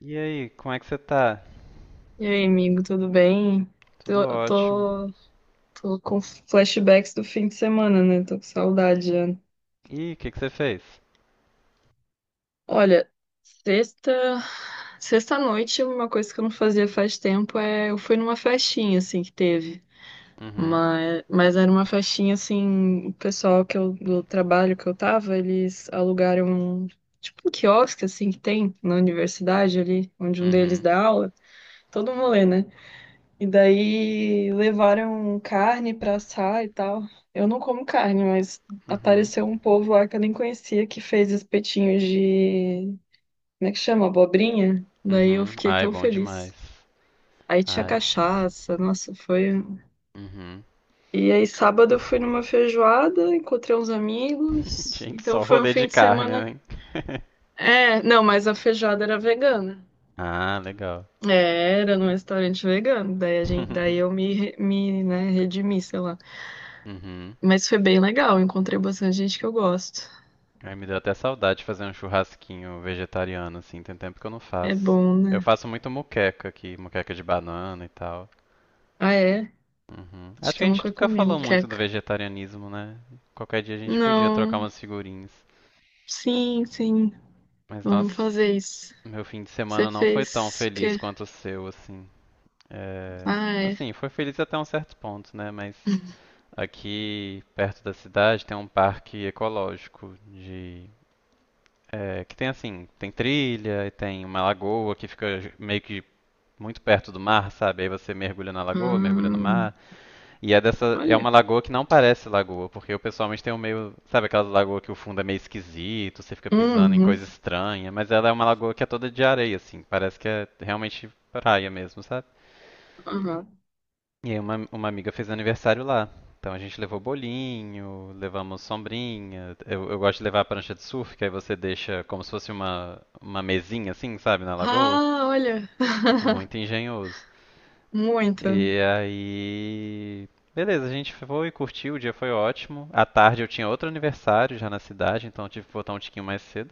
E aí, como é que você tá? E aí, amigo, tudo bem? Tudo Tô, ótimo. tô, tô com flashbacks do fim de semana, né? Tô com saudade já. Ih, o que que você fez? Olha, sexta, sexta noite, uma coisa que eu não fazia faz tempo é eu fui numa festinha assim que teve. Uhum, Mas era uma festinha assim, o pessoal do trabalho que eu tava, eles alugaram um, tipo um quiosque assim que tem na universidade ali, onde um deles uhum, dá aula. Todo um rolê, né? E daí levaram carne pra assar e tal. Eu não como carne, mas uhum, apareceu um povo lá que eu nem conhecia que fez espetinhos de. Como é que chama? Abobrinha? Daí eu uhum. fiquei Ai, tão bom demais. feliz. Aí tinha Ai, cachaça, nossa, foi um. uhum. E aí sábado eu fui numa feijoada, encontrei uns amigos. Gente, Então só foi um rolê de fim de carne, semana. né? É, não, mas a feijoada era vegana. Ah, legal. É, era num restaurante vegano. Daí, daí eu me, né, redimi, sei lá. Uhum. Mas foi bem legal, encontrei bastante gente que eu gosto. Ai, me deu até saudade de fazer um churrasquinho vegetariano, assim, tem tempo que eu não É faço. bom, Eu né? faço muito muqueca aqui, muqueca de banana e tal. Ah, é? Uhum. Acho Acho que que a eu gente nunca nunca comi falou muito do moqueca. vegetarianismo, né? Qualquer dia a gente podia trocar Não, umas figurinhas. sim, sim. Mas Vamos nossa, fazer isso. meu fim de Você semana não foi tão fez o feliz quê? quanto o seu, assim. É, Ah, é. assim, foi feliz até um certo ponto, né? Mas aqui perto da cidade tem um parque ecológico de é, que tem assim, tem trilha e tem uma lagoa que fica meio que muito perto do mar, sabe? Aí você mergulha na lagoa, mergulha no Hum, mar. E é dessa, é olha. uma lagoa que não parece lagoa, porque eu pessoalmente tenho meio, sabe aquelas lagoas que o fundo é meio esquisito, você fica pisando em Uhum. coisa estranha, mas ela é uma lagoa que é toda de areia, assim, parece que é realmente praia mesmo, sabe? Aham. E aí uma amiga fez aniversário lá. Então a gente levou bolinho, levamos sombrinha. Eu gosto de levar a prancha de surf, que aí você deixa como se fosse uma mesinha assim, sabe, na lagoa. Ah, olha. Muito engenhoso. Muito. E aí, beleza, a gente foi, curtiu, o dia foi ótimo. À tarde eu tinha outro aniversário já na cidade, então eu tive que voltar um tiquinho mais cedo.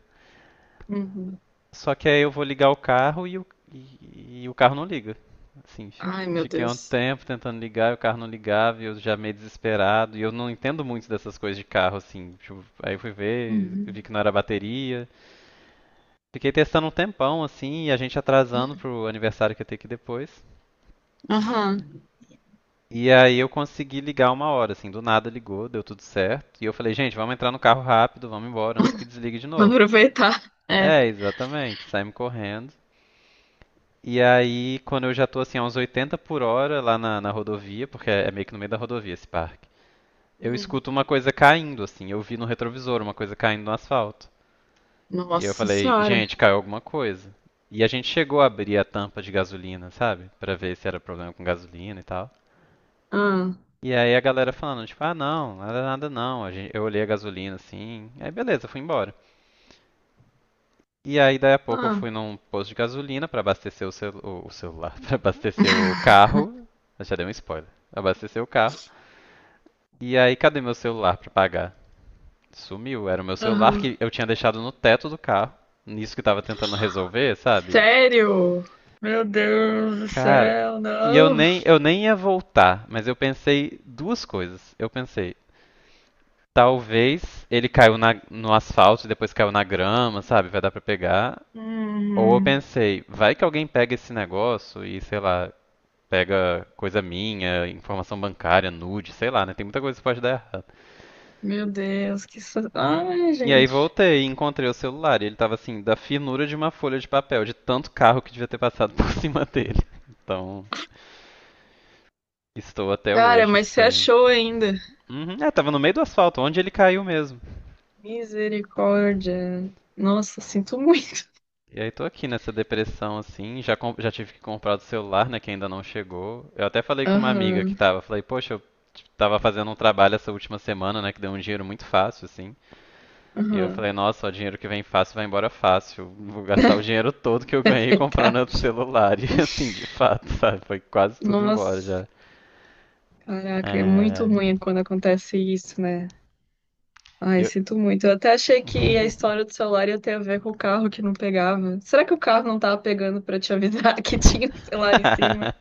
Uhum. Só que aí eu vou ligar o carro e o carro não liga. Assim, Ai, meu fiquei um Deus. tempo tentando ligar, e o carro não ligava, e eu já meio desesperado. E eu não entendo muito dessas coisas de carro, assim, tipo, aí eu fui ver, Uhum. vi que não era bateria. Fiquei testando um tempão, assim, e a gente atrasando pro aniversário que ia ter que ir depois. Aham. E aí eu consegui ligar uma hora, assim, do nada ligou, deu tudo certo. E eu falei, gente, vamos entrar no carro rápido, vamos embora antes que desligue de Vou novo. aproveitar. É. É, exatamente, saímos correndo. E aí, quando eu já tô assim, a uns 80 por hora lá na rodovia, porque é meio que no meio da rodovia esse parque, eu Hum. escuto uma coisa caindo, assim, eu vi no retrovisor uma coisa caindo no asfalto. E eu Nossa falei, Senhora. gente, caiu alguma coisa. E a gente chegou a abrir a tampa de gasolina, sabe? Pra ver se era problema com gasolina e tal. Ah, E aí a galera falando, tipo, ah não, nada nada não. Eu olhei a gasolina assim, aí beleza, fui embora. E aí daí a pouco eu ah. fui num posto de gasolina pra abastecer o celular, pra abastecer o carro. Eu já dei um spoiler. Abastecer o carro. E aí cadê meu celular pra pagar? Sumiu, era o meu celular que Aham. eu tinha deixado no teto do carro. Nisso que eu tava tentando resolver, sabe? Sério? Meu Deus do Cara, céu, e eu não. nem eu nem ia voltar, mas eu pensei duas coisas. Eu pensei, talvez ele caiu no asfalto e depois caiu na grama, sabe? Vai dar pra pegar. Ou eu Uhum. pensei, vai que alguém pega esse negócio e, sei lá, pega coisa minha, informação bancária, nude, sei lá, né? Tem muita coisa que pode dar errado. Meu Deus, ai, E aí gente. voltei e encontrei o celular. E ele tava assim, da finura de uma folha de papel, de tanto carro que devia ter passado por cima dele. Então, estou até Cara, hoje mas você sem. achou ainda? Uhum, é, tava no meio do asfalto, onde ele caiu mesmo. Misericórdia. Nossa, sinto muito. E aí tô aqui nessa depressão assim, já, já tive que comprar do celular, né, que ainda não chegou. Eu até falei com uma amiga que Aham, tava, falei, poxa, eu tava fazendo um trabalho essa última semana, né, que deu um dinheiro muito fácil, assim. E eu aham. falei, nossa, o dinheiro que vem fácil vai embora fácil. Vou gastar o dinheiro todo que eu É ganhei comprando verdade. outro celular. E assim, de fato, sabe? Foi quase tudo embora Nossa, já. caraca, é muito É... ruim quando acontece isso, né? Ai, Eu... sinto muito. Eu até achei que a história do celular ia ter a ver com o carro que não pegava. Será que o carro não tava pegando pra te avisar que tinha o celular em cima?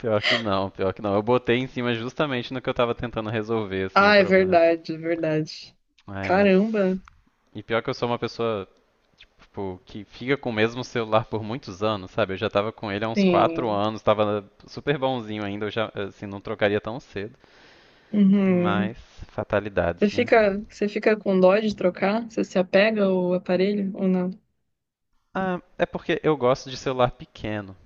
Pior que não, pior que não. Eu botei em cima justamente no que eu tava tentando resolver, assim, o Ah, é problema. verdade, é verdade. Ai, mas Caramba, e pior que eu sou uma pessoa, tipo, que fica com o mesmo celular por muitos anos, sabe? Eu já tava com ele há uns quatro sim. anos, tava super bonzinho ainda, eu já, assim, não trocaria tão cedo. Mas, Uhum. Fatalidades, né? Você fica com dó de trocar? Você se apega ao aparelho ou não? Ah, é porque eu gosto de celular pequeno.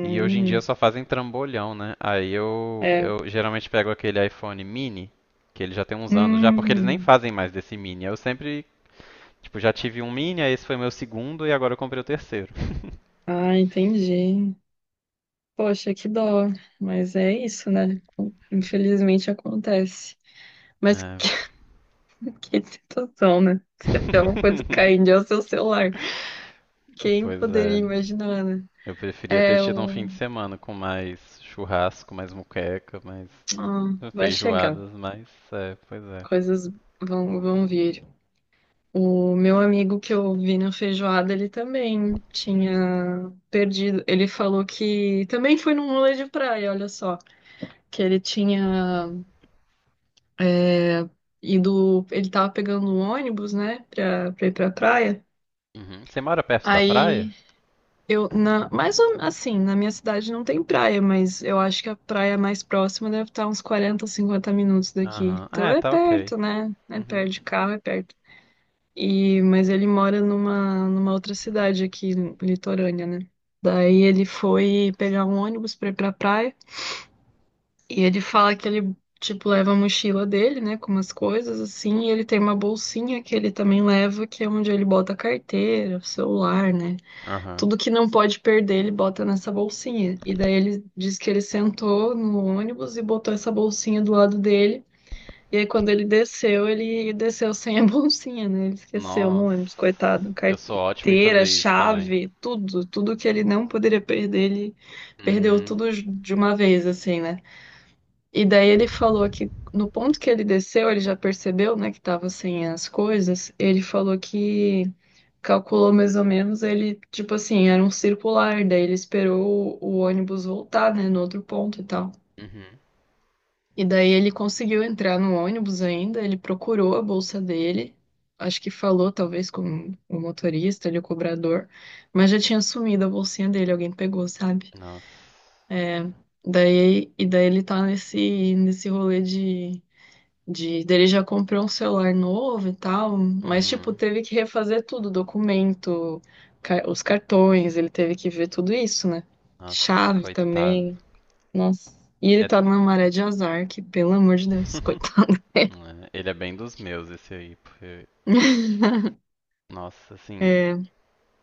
E hoje em dia só fazem trambolhão, né? Aí eu, é. eu geralmente pego aquele iPhone mini, que ele já tem uns anos já, porque eles nem Hum. fazem mais desse mini. Eu sempre, tipo, já tive um mini, aí esse foi meu segundo e agora eu comprei o terceiro. Ah, entendi. Poxa, que dó. Mas é isso, né? Infelizmente acontece. Mas É. que situação, né? Se até uma coisa caindo é o seu celular. Quem Pois poderia é. imaginar, né? Eu preferia ter É tido um o. fim de semana com mais churrasco, mais muqueca, mais Ah, vai chegar. feijoadas, mas é, pois é. Coisas vão vir. O meu amigo que eu vi na feijoada, ele também tinha perdido. Ele falou que também foi num rolê de praia, olha só, que ele tinha é, ido, ele tava pegando um ônibus, né, pra, pra ir pra praia. Uhum. Você mora perto da praia? Aí eu, na, assim, na minha cidade não tem praia, mas eu acho que a praia mais próxima deve estar uns 40, 50 minutos daqui. Aham. Ah, Então é, é tá ok. perto, né? É Uhum. perto de carro, é perto. E, mas ele mora numa outra cidade aqui, litorânea, né? Daí ele foi pegar um ônibus pra ir pra praia. E ele fala que ele, tipo, leva a mochila dele, né? Com umas coisas assim. E ele tem uma bolsinha que ele também leva, que é onde ele bota a carteira, o celular, né? Aham. Tudo que não pode perder, ele bota nessa bolsinha. E daí ele diz que ele sentou no ônibus e botou essa bolsinha do lado dele. E aí, quando ele desceu sem a bolsinha, né? Ele esqueceu no Nossa. ônibus, coitado. Eu sou ótimo em Carteira, fazer isso também. chave, tudo. Tudo que ele não poderia perder, ele perdeu Uhum. tudo de uma vez, assim, né? E daí ele falou que no ponto que ele desceu, ele já percebeu, né, que tava sem as coisas. Ele falou que calculou mais ou menos, ele, tipo assim, era um circular. Daí ele esperou o ônibus voltar, né, no outro ponto e tal. Uhum. E daí ele conseguiu entrar no ônibus ainda, ele procurou a bolsa dele, acho que falou talvez com o motorista, ali, o cobrador, mas já tinha sumido a bolsinha dele, alguém pegou, sabe? Nossa. É, daí, e daí ele tá nesse rolê de. Daí ele já comprou um celular novo e tal, mas tipo, Uhum. teve que refazer tudo, documento, os cartões, ele teve que ver tudo isso, né? Nossa, Chave coitado. também. Nossa. E ele É... tá numa maré de azar, que pelo amor de Deus, coitado. É, ele é bem dos meus, esse aí, porque. Nossa, assim. É.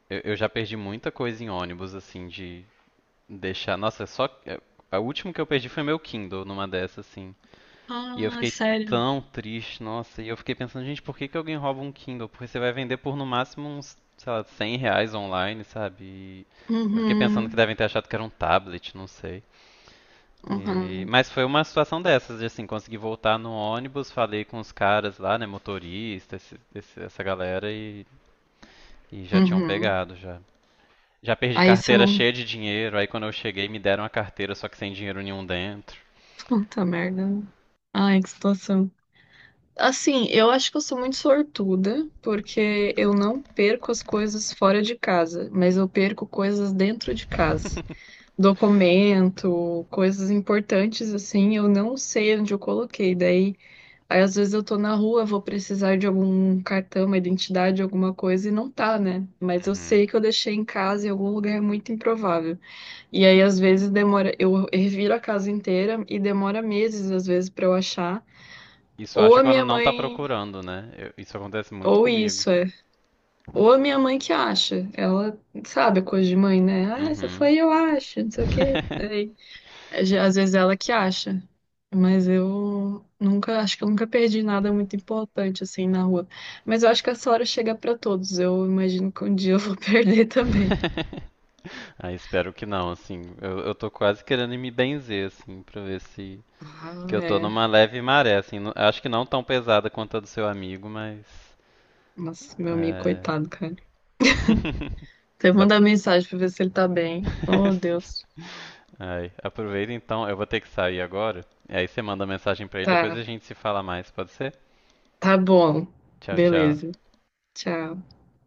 Eu já perdi muita coisa em ônibus, assim, de deixar. Nossa, só. A última que eu perdi foi meu Kindle numa dessas, assim. E eu Ah, fiquei sério. tão triste, nossa. E eu fiquei pensando, gente, por que que alguém rouba um Kindle? Porque você vai vender por no máximo uns, sei lá, 100 reais online, sabe? E eu fiquei pensando que Uhum, devem ter achado que era um tablet, não sei. Uhum, Mas foi uma situação dessas, de assim, consegui voltar no ônibus, falei com os caras lá, né, motorista, essa galera, e já tinham uhum. pegado já. Já perdi Aí você carteira não. cheia de dinheiro, aí quando eu cheguei me deram a carteira só que sem dinheiro nenhum dentro. Puta merda, né? Ai, que situação. Assim, eu acho que eu sou muito sortuda, porque eu não perco as coisas fora de casa, mas eu perco coisas dentro de casa. Documento, coisas importantes, assim, eu não sei onde eu coloquei. Daí, aí às vezes eu tô na rua, vou precisar de algum cartão, uma identidade, alguma coisa e não tá, né? Mas eu Uhum. sei que eu deixei em casa em algum lugar é muito improvável. E aí às vezes demora, eu reviro a casa inteira e demora meses às vezes pra eu achar. Isso eu Ou acho a quando minha não tá mãe, procurando, né? Isso acontece muito ou comigo. isso é. Ou a minha mãe que acha. Ela sabe coisa de mãe, né? Ah, se Uhum. foi eu acho, não sei o quê. É, às vezes ela que acha, mas eu nunca, acho que eu nunca perdi nada muito importante assim na rua. Mas eu acho que essa hora chega pra todos. Eu imagino que um dia eu vou perder também. Ah, espero que não, assim. Eu tô quase querendo me benzer, assim, pra ver se. Ah, Que eu tô é. numa leve maré, assim. Acho que não tão pesada quanto a do seu amigo, mas. Nossa, meu amigo, É. coitado, cara. Você Dá manda mensagem pra ver se ele tá bem. Oh, Deus. Ai, aproveita então, eu vou ter que sair agora. E aí você manda mensagem pra ele, depois a Tá, gente se fala mais, pode ser? tá bom. Tchau, tchau. Beleza. Tchau.